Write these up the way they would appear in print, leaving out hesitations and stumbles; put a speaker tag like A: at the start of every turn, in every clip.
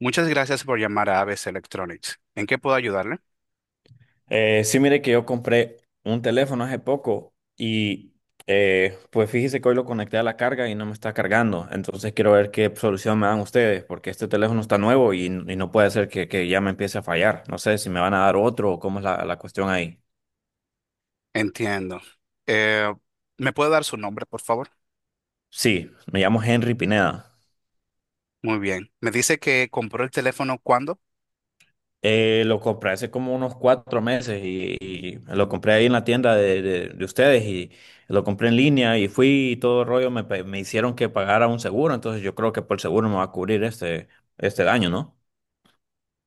A: Muchas gracias por llamar a ABC Electronics. ¿En qué puedo ayudarle?
B: Sí, mire que yo compré un teléfono hace poco y pues fíjese que hoy lo conecté a la carga y no me está cargando. Entonces quiero ver qué solución me dan ustedes, porque este teléfono está nuevo y no puede ser que ya me empiece a fallar. No sé si me van a dar otro o cómo es la cuestión ahí.
A: Entiendo. Eh, ¿Me puede dar su nombre, por favor?
B: Sí, me llamo Henry Pineda.
A: Muy bien. ¿Me dice que compró el teléfono cuándo?
B: Lo compré hace como unos 4 meses y lo compré ahí en la tienda de ustedes y lo compré en línea y fui y todo el rollo me hicieron que pagara un seguro, entonces yo creo que por seguro me va a cubrir este, este daño, ¿no?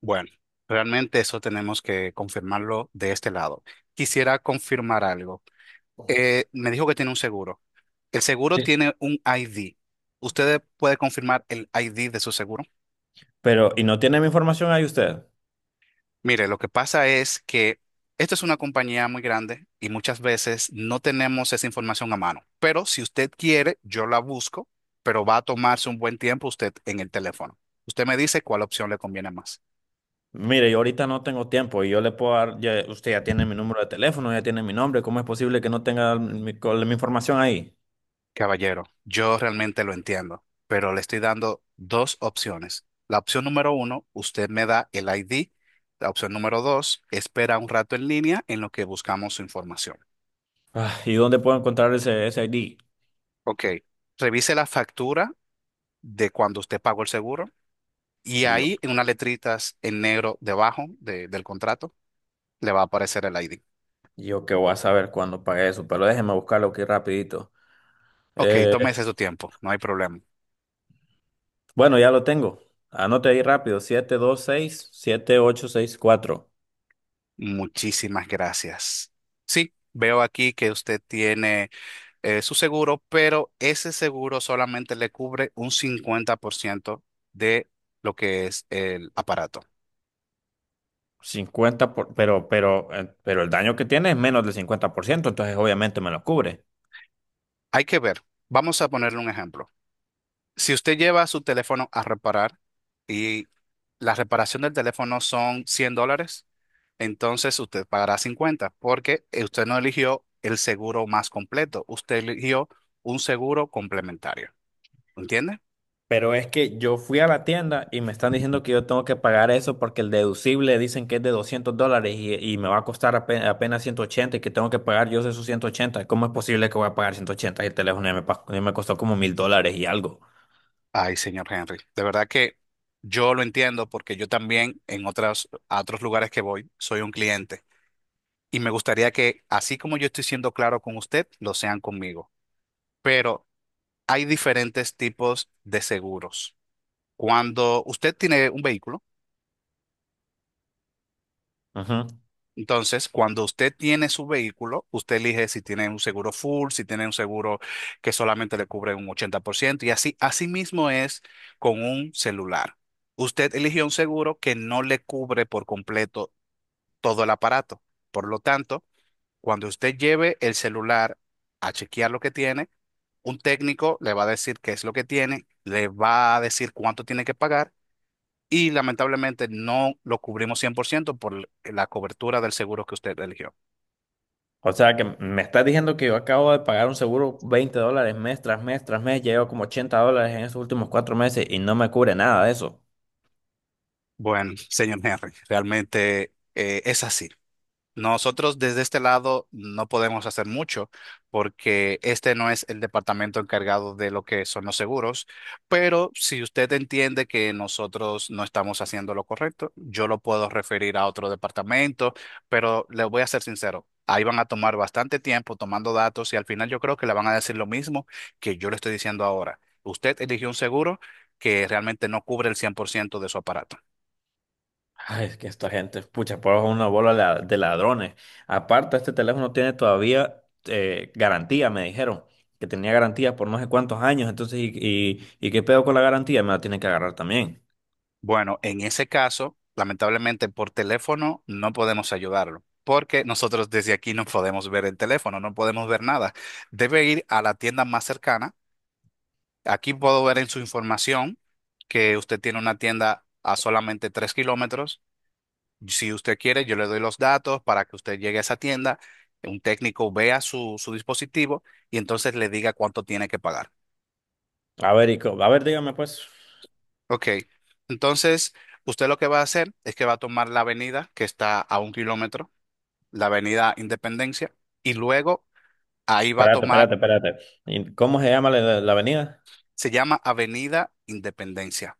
A: Bueno, realmente eso tenemos que confirmarlo de este lado. Quisiera confirmar algo. Me dijo que tiene un seguro. El seguro tiene un ID. ¿Usted puede confirmar el ID de su seguro?
B: Pero, ¿y no tiene mi información ahí usted?
A: Mire, lo que pasa es que esto es una compañía muy grande y muchas veces no tenemos esa información a mano. Pero si usted quiere, yo la busco, pero va a tomarse un buen tiempo usted en el teléfono. Usted me dice cuál opción le conviene más.
B: Mire, yo ahorita no tengo tiempo y yo le puedo dar, usted ya tiene mi número de teléfono, ya tiene mi nombre, ¿cómo es posible que no tenga mi información ahí?
A: Caballero, yo realmente lo entiendo, pero le estoy dando dos opciones. La opción número uno, usted me da el ID. La opción número dos, espera un rato en línea en lo que buscamos su información.
B: Ah, ¿y dónde puedo encontrar ese ID?
A: Ok, revise la factura de cuando usted pagó el seguro. Y
B: Y yo,
A: ahí, en unas letritas en negro debajo del contrato, le va a aparecer el ID.
B: yo qué voy a saber cuándo pagué eso, pero déjeme buscarlo aquí rapidito.
A: Ok,
B: Eh,
A: tómese su tiempo, no hay problema.
B: bueno, ya lo tengo. Anote ahí rápido, 7 2 6 7 8 6 4.
A: Muchísimas gracias. Sí, veo aquí que usted tiene su seguro, pero ese seguro solamente le cubre un 50% de lo que es el aparato.
B: Pero, pero el daño que tiene es menos del 50%. Entonces obviamente me lo cubre.
A: Hay que ver, vamos a ponerle un ejemplo. Si usted lleva su teléfono a reparar y la reparación del teléfono son $100, entonces usted pagará 50 porque usted no eligió el seguro más completo, usted eligió un seguro complementario. ¿Entiende?
B: Pero es que yo fui a la tienda y me están diciendo que yo tengo que pagar eso porque el deducible dicen que es de $200 y me va a costar apenas, 180 y que tengo que pagar yo esos 180. ¿Cómo es posible que voy a pagar 180 y el teléfono ya ya me costó como $1000 y algo?
A: Ay, señor Henry, de verdad que yo lo entiendo porque yo también en otras, a otros lugares que voy soy un cliente y me gustaría que así como yo estoy siendo claro con usted, lo sean conmigo. Pero hay diferentes tipos de seguros. Cuando usted tiene un vehículo.
B: Ujú.
A: Entonces, cuando usted tiene su vehículo, usted elige si tiene un seguro full, si tiene un seguro que solamente le cubre un 80% y así, así mismo es con un celular. Usted eligió un seguro que no le cubre por completo todo el aparato. Por lo tanto, cuando usted lleve el celular a chequear lo que tiene, un técnico le va a decir qué es lo que tiene, le va a decir cuánto tiene que pagar. Y lamentablemente no lo cubrimos 100% por la cobertura del seguro que usted eligió.
B: O sea, que me estás diciendo que yo acabo de pagar un seguro 20 dólares mes tras mes tras mes, ya llevo como $80 en esos últimos 4 meses y no me cubre nada de eso.
A: Bueno, señor Henry, realmente es así. Nosotros desde este lado no podemos hacer mucho porque este no es el departamento encargado de lo que son los seguros, pero si usted entiende que nosotros no estamos haciendo lo correcto, yo lo puedo referir a otro departamento, pero le voy a ser sincero, ahí van a tomar bastante tiempo tomando datos y al final yo creo que le van a decir lo mismo que yo le estoy diciendo ahora. Usted eligió un seguro que realmente no cubre el 100% de su aparato.
B: Ay, es que esta gente, pucha, pues es una bola de ladrones. Aparte, este teléfono tiene todavía garantía, me dijeron, que tenía garantía por no sé cuántos años. Entonces, ¿y qué pedo con la garantía? Me la tienen que agarrar también.
A: Bueno, en ese caso, lamentablemente por teléfono no podemos ayudarlo, porque nosotros desde aquí no podemos ver el teléfono, no podemos ver nada. Debe ir a la tienda más cercana. Aquí puedo ver en su información que usted tiene una tienda a solamente 3 km. Si usted quiere, yo le doy los datos para que usted llegue a esa tienda, un técnico vea su, su dispositivo y entonces le diga cuánto tiene que pagar.
B: A ver, a ver, dígame pues.
A: Ok, entonces usted lo que va a hacer es que va a tomar la avenida que está a 1 km, la Avenida Independencia, y luego ahí va a
B: Espérate,
A: tomar,
B: espérate, espérate. ¿Y ¿cómo se llama la avenida?
A: se llama Avenida Independencia.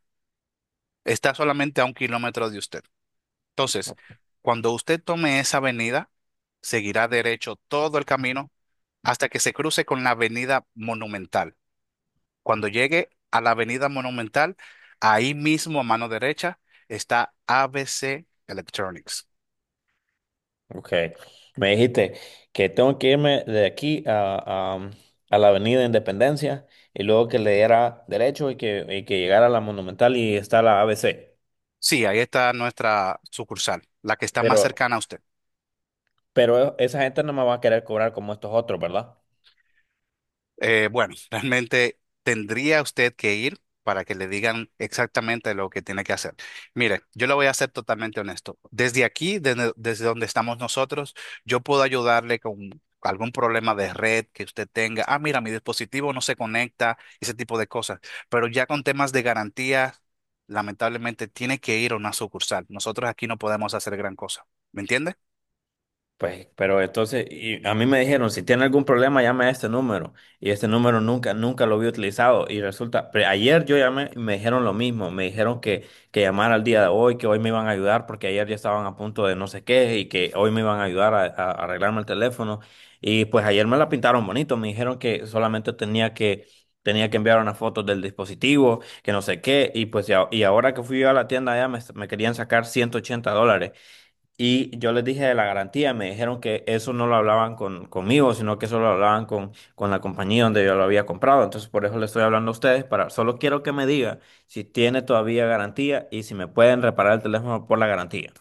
A: Está solamente a 1 km de usted. Entonces, cuando usted tome esa avenida, seguirá derecho todo el camino hasta que se cruce con la Avenida Monumental. Cuando llegue a la Avenida Monumental, ahí mismo a mano derecha está ABC Electronics.
B: Ok, me dijiste que tengo que irme de aquí a la Avenida Independencia y luego que le diera derecho y que llegara a la Monumental y está la ABC.
A: Sí, ahí está nuestra sucursal, la que está más
B: Pero,
A: cercana a usted.
B: pero esa gente no me va a querer cobrar como estos otros, ¿verdad?
A: Bueno, realmente tendría usted que ir para que le digan exactamente lo que tiene que hacer. Mire, yo le voy a ser totalmente honesto. Desde aquí, desde donde estamos nosotros, yo puedo ayudarle con algún problema de red que usted tenga. Ah, mira, mi dispositivo no se conecta, ese tipo de cosas. Pero ya con temas de garantía, lamentablemente tiene que ir a una sucursal. Nosotros aquí no podemos hacer gran cosa. ¿Me entiende?
B: Pues, pero entonces, y a mí me dijeron, si tiene algún problema, llame a este número. Y este número nunca, nunca lo había utilizado. Y resulta, pero ayer yo llamé y me dijeron lo mismo. Me dijeron que llamara al día de hoy, que hoy me iban a ayudar porque ayer ya estaban a punto de no sé qué y que hoy me iban a ayudar a arreglarme el teléfono. Y pues ayer me la pintaron bonito. Me dijeron que solamente tenía que enviar una foto del dispositivo, que no sé qué. Y pues, y ahora que fui yo a la tienda allá, me querían sacar $180. Y yo les dije de la garantía, me dijeron que eso no lo hablaban conmigo, sino que eso lo hablaban con la compañía donde yo lo había comprado. Entonces, por eso le estoy hablando a ustedes, para, solo quiero que me diga si tiene todavía garantía y si me pueden reparar el teléfono por la garantía.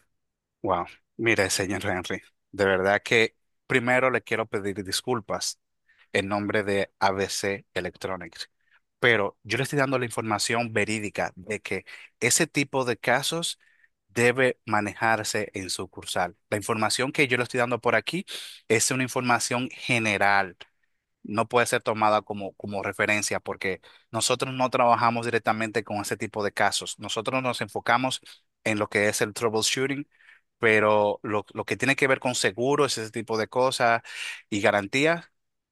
A: Wow. Mire, señor Henry, de verdad que primero le quiero pedir disculpas. El nombre de ABC Electronics. Pero yo le estoy dando la información verídica de que ese tipo de casos debe manejarse en sucursal. La información que yo le estoy dando por aquí es una información general, no puede ser tomada como referencia porque nosotros no trabajamos directamente con ese tipo de casos. Nosotros nos enfocamos en lo que es el troubleshooting, pero lo que tiene que ver con seguros, ese tipo de cosas y garantías,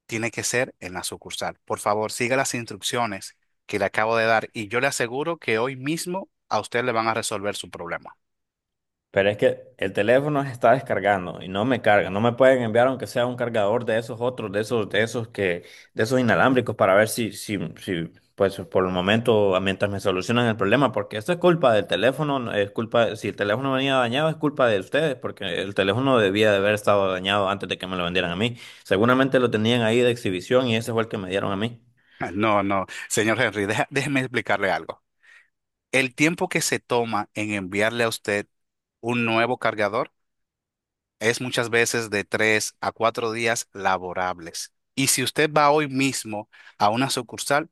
A: tiene que ser en la sucursal. Por favor, siga las instrucciones que le acabo de dar y yo le aseguro que hoy mismo a usted le van a resolver su problema.
B: Pero es que el teléfono se está descargando y no me carga. No me pueden enviar aunque sea un cargador de esos otros, de esos que, de esos inalámbricos para ver si, pues por el momento, ah, mientras me solucionan el problema, porque esto es culpa del teléfono, no es culpa, si el teléfono venía dañado es culpa de ustedes, porque el teléfono debía de haber estado dañado antes de que me lo vendieran a mí. Seguramente lo tenían ahí de exhibición y ese fue el que me dieron a mí.
A: No, no, señor Henry, déjeme explicarle algo. El tiempo que se toma en enviarle a usted un nuevo cargador es muchas veces de 3 a 4 días laborables. Y si usted va hoy mismo a una sucursal,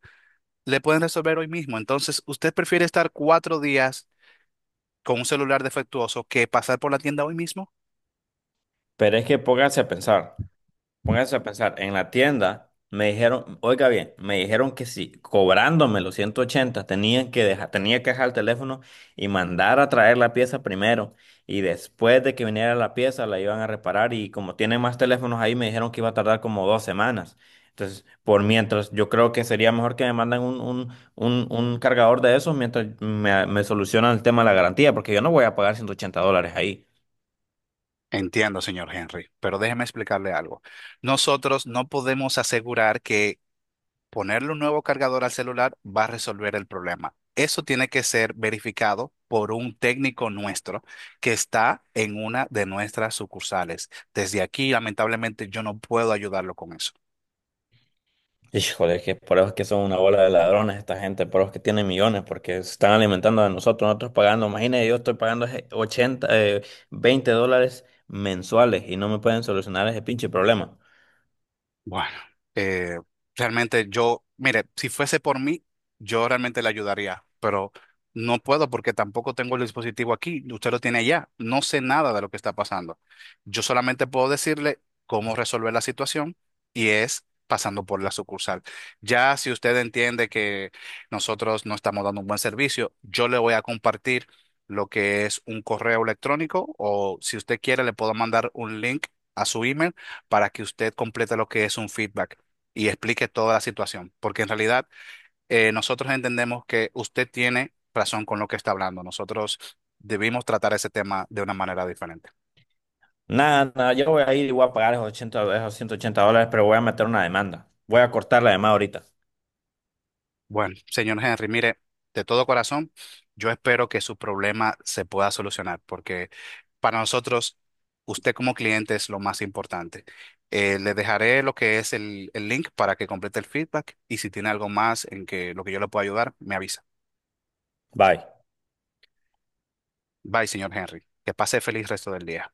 A: le pueden resolver hoy mismo. Entonces, ¿usted prefiere estar 4 días con un celular defectuoso que pasar por la tienda hoy mismo?
B: Pero es que pónganse a pensar. Póngase a pensar, en la tienda me dijeron, oiga bien, me dijeron que si cobrándome los 180 tenían que dejar, tenía que dejar el teléfono y mandar a traer la pieza primero. Y después de que viniera la pieza la iban a reparar y como tienen más teléfonos ahí me dijeron que iba a tardar como 2 semanas. Entonces, por mientras, yo creo que sería mejor que me mandan un cargador de esos mientras me solucionan el tema de la garantía, porque yo no voy a pagar 180 dólares ahí.
A: Entiendo, señor Henry, pero déjeme explicarle algo. Nosotros no podemos asegurar que ponerle un nuevo cargador al celular va a resolver el problema. Eso tiene que ser verificado por un técnico nuestro que está en una de nuestras sucursales. Desde aquí, lamentablemente, yo no puedo ayudarlo con eso.
B: Híjole, es que por eso es que son una bola de ladrones esta gente, por eso es que tienen millones, porque se están alimentando de nosotros, nosotros pagando, imagínate, yo estoy pagando ese 80, $20 mensuales y no me pueden solucionar ese pinche problema.
A: Bueno, eh, realmente yo, mire, si fuese por mí, yo realmente le ayudaría, pero no puedo porque tampoco tengo el dispositivo aquí, usted lo tiene allá, no sé nada de lo que está pasando. Yo solamente puedo decirle cómo resolver la situación y es pasando por la sucursal. Ya si usted entiende que nosotros no estamos dando un buen servicio, yo le voy a compartir lo que es un correo electrónico o si usted quiere le puedo mandar un link a su email para que usted complete lo que es un feedback y explique toda la situación, porque en realidad nosotros entendemos que usted tiene razón con lo que está hablando. Nosotros debimos tratar ese tema de una manera diferente.
B: Nada, nada, yo voy a ir y voy a pagar esos 80, esos $180, pero voy a meter una demanda. Voy a cortar la demanda ahorita.
A: Bueno, señor Henry, mire, de todo corazón, yo espero que su problema se pueda solucionar, porque para nosotros, usted como cliente es lo más importante. Le dejaré lo que es el link para que complete el feedback y si tiene algo más en que lo que yo le pueda ayudar, me avisa.
B: Bye.
A: Bye, señor Henry. Que pase feliz resto del día.